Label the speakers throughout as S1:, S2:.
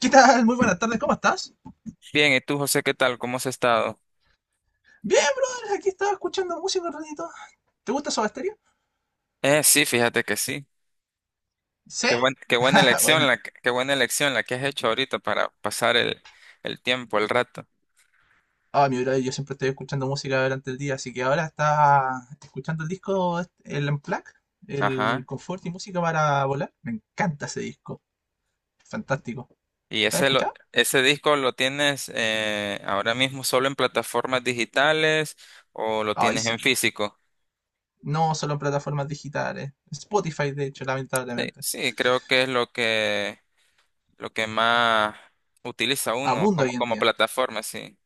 S1: ¿Qué tal? Muy buenas tardes, ¿cómo estás?
S2: Bien, ¿y tú, José, qué tal? ¿Cómo has estado?
S1: Bien, brother, aquí estaba escuchando música un ratito. ¿Te gusta Soda Stereo?
S2: Sí, fíjate que sí.
S1: Sí.
S2: Qué buena
S1: Buena.
S2: qué buena elección la que has hecho ahorita para pasar el tiempo, el rato.
S1: Ah, mi brother, yo siempre estoy escuchando música durante el día, así que ahora estaba escuchando el disco, el Unplugged, el
S2: Ajá.
S1: Confort y Música para Volar. Me encanta ese disco, fantástico.
S2: Y
S1: ¿Lo has
S2: ese lo-
S1: escuchado?
S2: Ese disco lo tienes ahora mismo solo en plataformas digitales o lo
S1: Ay,
S2: tienes
S1: sí.
S2: en físico.
S1: No solo en plataformas digitales. Spotify, de hecho,
S2: Sí,
S1: lamentablemente.
S2: sí, creo que es lo que más utiliza uno
S1: Abunda
S2: como
S1: hoy en
S2: como
S1: día.
S2: plataforma, sí.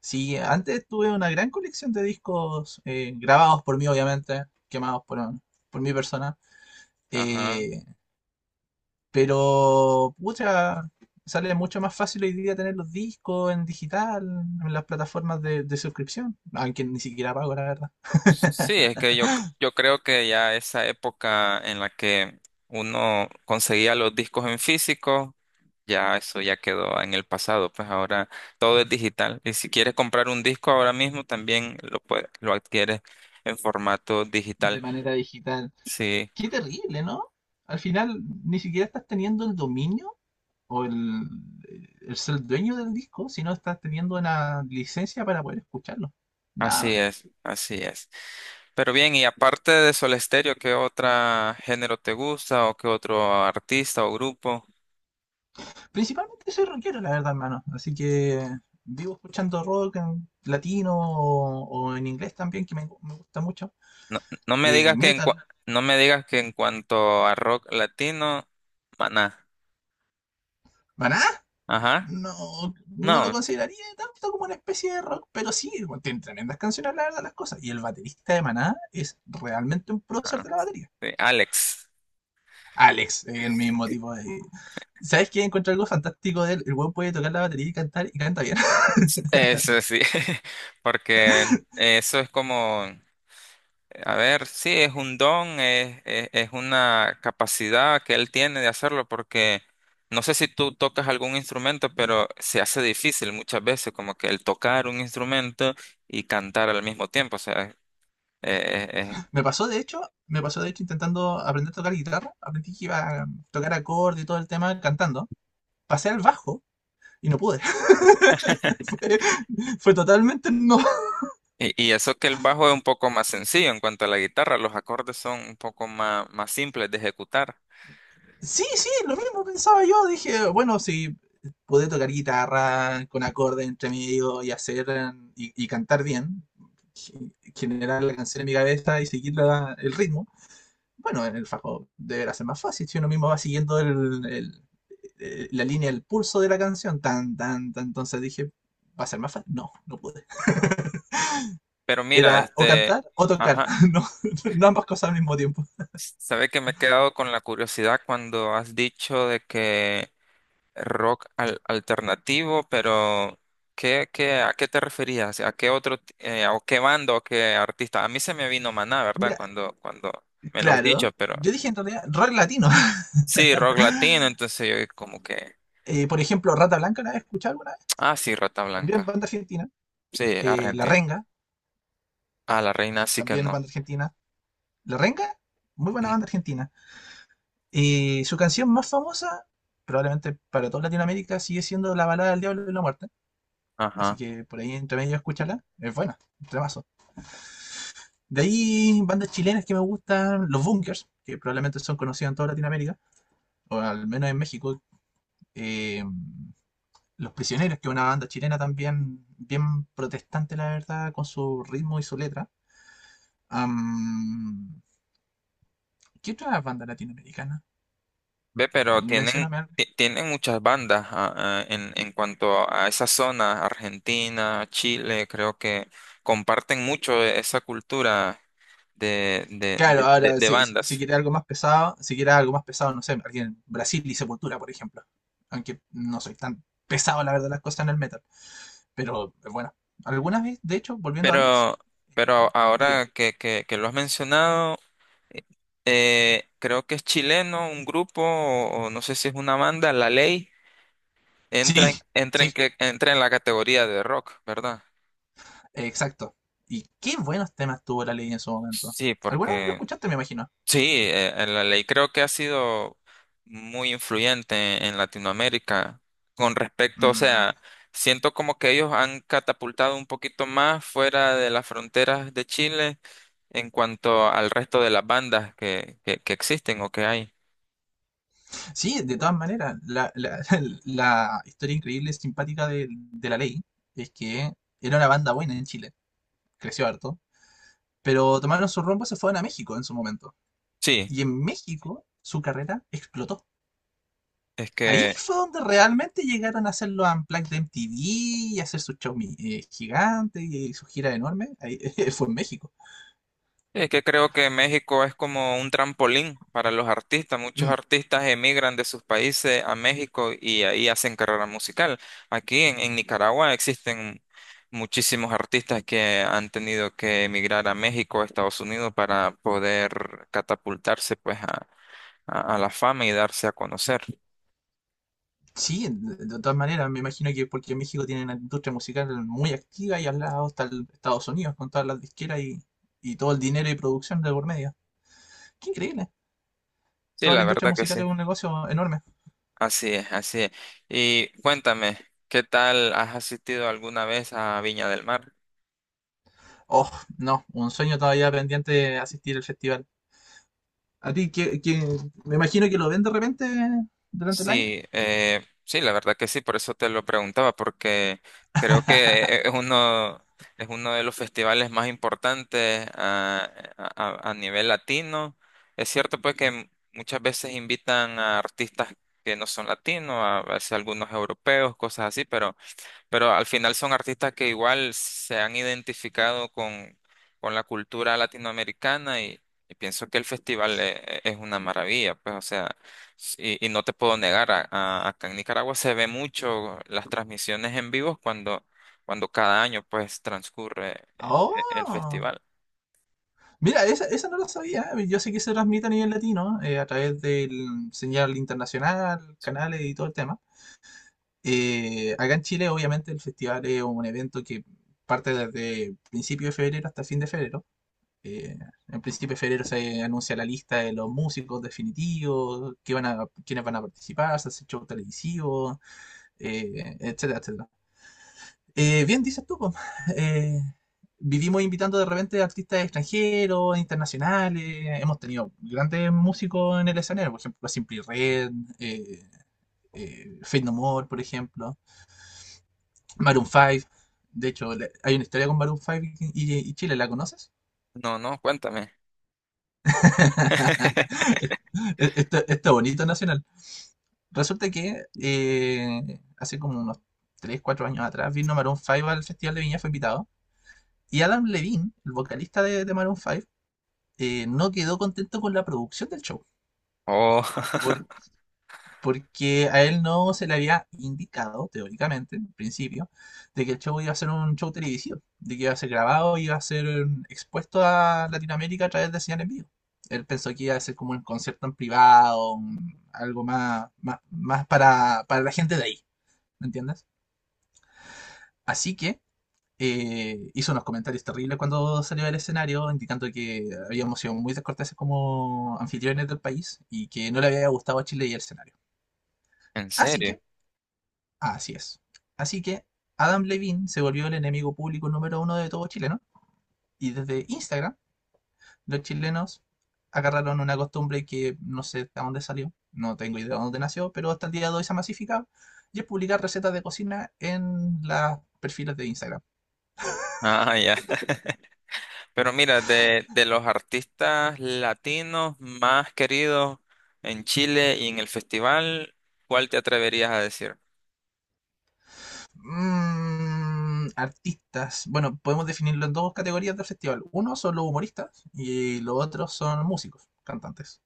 S1: Sí, antes tuve una gran colección de discos grabados por mí, obviamente, quemados por mi persona.
S2: Ajá.
S1: eh, pero, pucha, sale mucho más fácil hoy día tener los discos en digital, en las plataformas de suscripción, aunque ni siquiera pago, la verdad,
S2: Sí, es que yo creo que ya esa época en la que uno conseguía los discos en físico, ya eso ya quedó en el pasado, pues ahora todo es digital. Y si quieres comprar un disco ahora mismo, también lo puedes, lo adquieres en formato
S1: de
S2: digital.
S1: manera digital.
S2: Sí,
S1: Qué terrible, ¿no? Al final, ni siquiera estás teniendo el dominio o el ser dueño del disco, sino estás teniendo una licencia para poder escucharlo. Nada
S2: así
S1: más.
S2: es, así es. Pero bien, y aparte de Soda Stereo, ¿qué otro género te gusta o qué otro artista o grupo?
S1: Principalmente soy rockero, la verdad, hermano. Así que vivo escuchando rock en latino o en inglés también, que me, me gusta mucho.
S2: No, no me digas que en, cua-
S1: Metal.
S2: no me digas que en cuanto a rock latino, Maná.
S1: ¿Maná?
S2: Ajá.
S1: No, no lo
S2: No.
S1: consideraría tanto como una especie de rock, pero sí, bueno, tiene tremendas canciones, la verdad, las cosas. Y el baterista de Maná es realmente un prócer
S2: Ah,
S1: de la
S2: sí,
S1: batería.
S2: Alex.
S1: Alex, el mismo tipo de... ¿Sabes qué? Encuentro algo fantástico de él. El weón puede tocar la batería y cantar y canta bien.
S2: Sí, eso sí. Porque eso es como, a ver, sí, es un don, es una capacidad que él tiene de hacerlo porque no sé si tú tocas algún instrumento, pero se hace difícil muchas veces como que el tocar un instrumento y cantar al mismo tiempo. O sea, eh,
S1: Me pasó de hecho, me pasó de hecho intentando aprender a tocar guitarra. Aprendí que iba a tocar acorde y todo el tema cantando. Pasé al bajo y no pude. Fue, fue totalmente no.
S2: y eso que el bajo es un poco más sencillo en cuanto a la guitarra, los acordes son un poco más, más simples de ejecutar.
S1: Sí, sí, lo mismo pensaba yo. Dije, bueno, si pude tocar guitarra con acorde entre medio y hacer y cantar bien, generar la canción en mi cabeza y seguir el ritmo, bueno, en el fajo deberá ser más fácil si uno mismo va siguiendo la línea, el pulso de la canción. Tan, tan, tan. Entonces dije, ¿va a ser más fácil? No, no pude.
S2: Pero
S1: Era
S2: mira,
S1: o cantar o tocar.
S2: ajá,
S1: No, no ambas cosas al mismo tiempo.
S2: sabe que me he quedado con la curiosidad cuando has dicho de que rock alternativo, pero ¿a qué te referías? ¿A qué o qué banda o qué artista? A mí se me vino Maná, ¿verdad?
S1: Mira,
S2: Cuando me lo has dicho,
S1: claro.
S2: pero
S1: Yo dije en realidad rock latino.
S2: sí, rock latino, entonces yo como que,
S1: Por ejemplo, Rata Blanca, ¿la has escuchado alguna vez?
S2: ah, sí, Rata
S1: También
S2: Blanca,
S1: banda argentina.
S2: sí,
S1: La
S2: argentino.
S1: Renga,
S2: A la reina sí que
S1: también
S2: no.
S1: banda argentina. La Renga, muy buena
S2: Mm.
S1: banda argentina. Y su canción más famosa, probablemente para toda Latinoamérica, sigue siendo La balada del diablo y la muerte. Así
S2: Ajá.
S1: que por ahí entre medio escúchala. Es buena, un tremazo. De ahí, bandas chilenas que me gustan, Los Bunkers, que probablemente son conocidas en toda Latinoamérica, o al menos en México. Eh, Los Prisioneros, que es una banda chilena también bien protestante, la verdad, con su ritmo y su letra. Am, ¿qué otra banda latinoamericana?
S2: Ve, pero tienen,
S1: Mencióname.
S2: tienen muchas bandas en cuanto a esa zona, Argentina, Chile, creo que comparten mucho esa cultura
S1: Claro, ahora
S2: de
S1: si
S2: bandas.
S1: quiere algo más pesado, si quiere algo más pesado, no sé, alguien Brasil y Sepultura, por ejemplo. Aunque no soy tan pesado, la verdad, las cosas en el metal. Pero bueno, algunas veces, de hecho, volviendo a Alex,
S2: Pero,
S1: eh,
S2: pero
S1: diga,
S2: ahora que, que lo has mencionado, eh, creo que es chileno, un grupo, o no sé si es una banda, La Ley,
S1: sí, sí,
S2: entra en la categoría de rock, ¿verdad?
S1: exacto. Y qué buenos temas tuvo la ley en su momento.
S2: Sí,
S1: ¿Alguna vez lo
S2: porque
S1: escuchaste, me imagino?
S2: sí, la ley creo que ha sido muy influyente en Latinoamérica con respecto, o
S1: Mm,
S2: sea, siento como que ellos han catapultado un poquito más fuera de las fronteras de Chile en cuanto al resto de las bandas que existen o que hay.
S1: sí, de todas maneras, la historia increíble y simpática de la ley es que era una banda buena en Chile, creció harto pero tomaron su rumbo y se fueron a México en su momento.
S2: Sí,
S1: Y en México su carrera explotó.
S2: es
S1: Ahí
S2: que
S1: fue donde realmente llegaron a hacer los Unplugged de MTV y hacer su show gigante y su gira enorme. Ahí fue en México.
S2: es que creo que México es como un trampolín para los artistas. Muchos
S1: Mm,
S2: artistas emigran de sus países a México y ahí hacen carrera musical. Aquí en Nicaragua existen muchísimos artistas que han tenido que emigrar a México o Estados Unidos para poder catapultarse pues a la fama y darse a conocer.
S1: sí, de todas maneras, me imagino que porque en México tienen una industria musical muy activa y al lado está el Estados Unidos con todas las disqueras y todo el dinero y producción de por medio. Qué increíble.
S2: Sí,
S1: Toda la
S2: la
S1: industria
S2: verdad que
S1: musical
S2: sí.
S1: es un negocio enorme.
S2: Así es, así es. Y cuéntame, ¿qué tal has asistido alguna vez a Viña del Mar?
S1: Oh, no, un sueño todavía pendiente de asistir al festival. A ti, que me imagino que lo ven de repente durante el año.
S2: Sí, sí, la verdad que sí, por eso te lo preguntaba, porque creo que es uno de los festivales más importantes a nivel latino. Es cierto pues que muchas veces invitan a artistas que no son latinos, a veces algunos europeos, cosas así, pero al final son artistas que igual se han identificado con la cultura latinoamericana y pienso que el festival es una maravilla, pues, o sea, y no te puedo negar, acá en Nicaragua se ve mucho las transmisiones en vivo cuando cada año pues transcurre el
S1: ¡Oh!
S2: festival.
S1: Mira, esa no lo sabía. ¿Eh? Yo sé que se transmite a nivel latino a través del señal internacional, canales y todo el tema. Acá en Chile, obviamente, el festival es un evento que parte desde principio de febrero hasta fin de febrero. Eh, en principio de febrero se anuncia la lista de los músicos definitivos, quiénes van a participar, se hace show televisivo, etcétera, etcétera. Bien, dices tú, po. Eh, vivimos invitando de repente artistas extranjeros, internacionales. Hemos tenido grandes músicos en el escenario, por ejemplo, Simply Red, eh, Faith No More, por ejemplo, Maroon 5. De hecho, hay una historia con Maroon 5 y Chile, ¿la conoces?
S2: No, no, cuéntame.
S1: Esto bonito nacional. Resulta que hace como unos 3 4 años atrás vino Maroon 5 al Festival de Viña, fue invitado. Y Adam Levine, el vocalista de Maroon 5, no quedó contento con la producción del show,
S2: Oh,
S1: por- porque a él no se le había indicado, teóricamente, en principio, de que el show iba a ser un show televisivo, de que iba a ser grabado, iba a ser expuesto a Latinoamérica a través de señal en vivo. Él pensó que iba a ser como un concierto en privado, algo más, más, más para la gente de ahí, ¿me entiendes? Así que hizo unos comentarios terribles cuando salió del escenario, indicando que habíamos sido muy descorteses como anfitriones del país y que no le había gustado a Chile y el escenario.
S2: ¿en
S1: Así
S2: serio?
S1: que, así es. Así que Adam Levine se volvió el enemigo público número uno de todo chileno y desde Instagram los chilenos agarraron una costumbre que no sé de dónde salió, no tengo idea de dónde nació, pero hasta el día de hoy se ha masificado y es publicar recetas de cocina en las perfiles de Instagram.
S2: Ah, ya. Pero mira, de los artistas latinos más queridos en Chile y en el festival, ¿cuál te atreverías a decir?
S1: Mm, artistas. Bueno, podemos definirlo en dos categorías del festival. Uno son los humoristas y los otros son músicos, cantantes.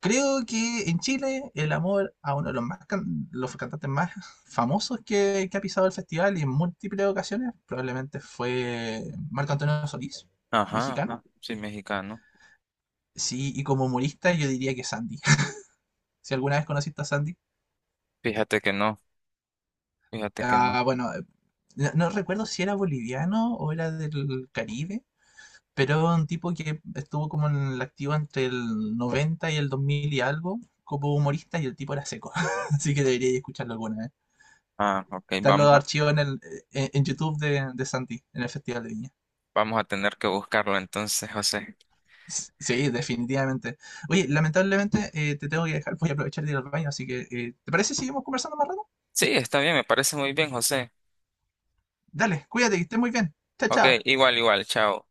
S1: Creo que en Chile el amor a uno de los, los cantantes más famosos que ha pisado el festival y en múltiples ocasiones probablemente fue Marco Antonio Solís,
S2: Ajá,
S1: mexicano.
S2: ajá, sí, mexicano.
S1: Sí, y como humorista yo diría que Sandy. Si alguna vez conociste a Sandy.
S2: Fíjate que no, fíjate que no.
S1: Ah, bueno, no no recuerdo si era boliviano o era del Caribe. Pero es un tipo que estuvo como en el activo entre el 90 y el 2000 y algo, como humorista, y el tipo era seco. Así que deberíais escucharlo alguna vez.
S2: Ah, ok,
S1: Están los
S2: vamos a,
S1: archivos en YouTube de Santi, en el Festival de Viña.
S2: vamos a tener que buscarlo entonces, José.
S1: Sí, definitivamente. Oye, lamentablemente te tengo que dejar, voy a aprovechar de ir al baño, así que ¿te parece si seguimos conversando más rato?
S2: Sí, está bien, me parece muy bien, José.
S1: Dale, cuídate, que estés muy bien. Chao,
S2: Ok,
S1: chao.
S2: igual, igual, chao.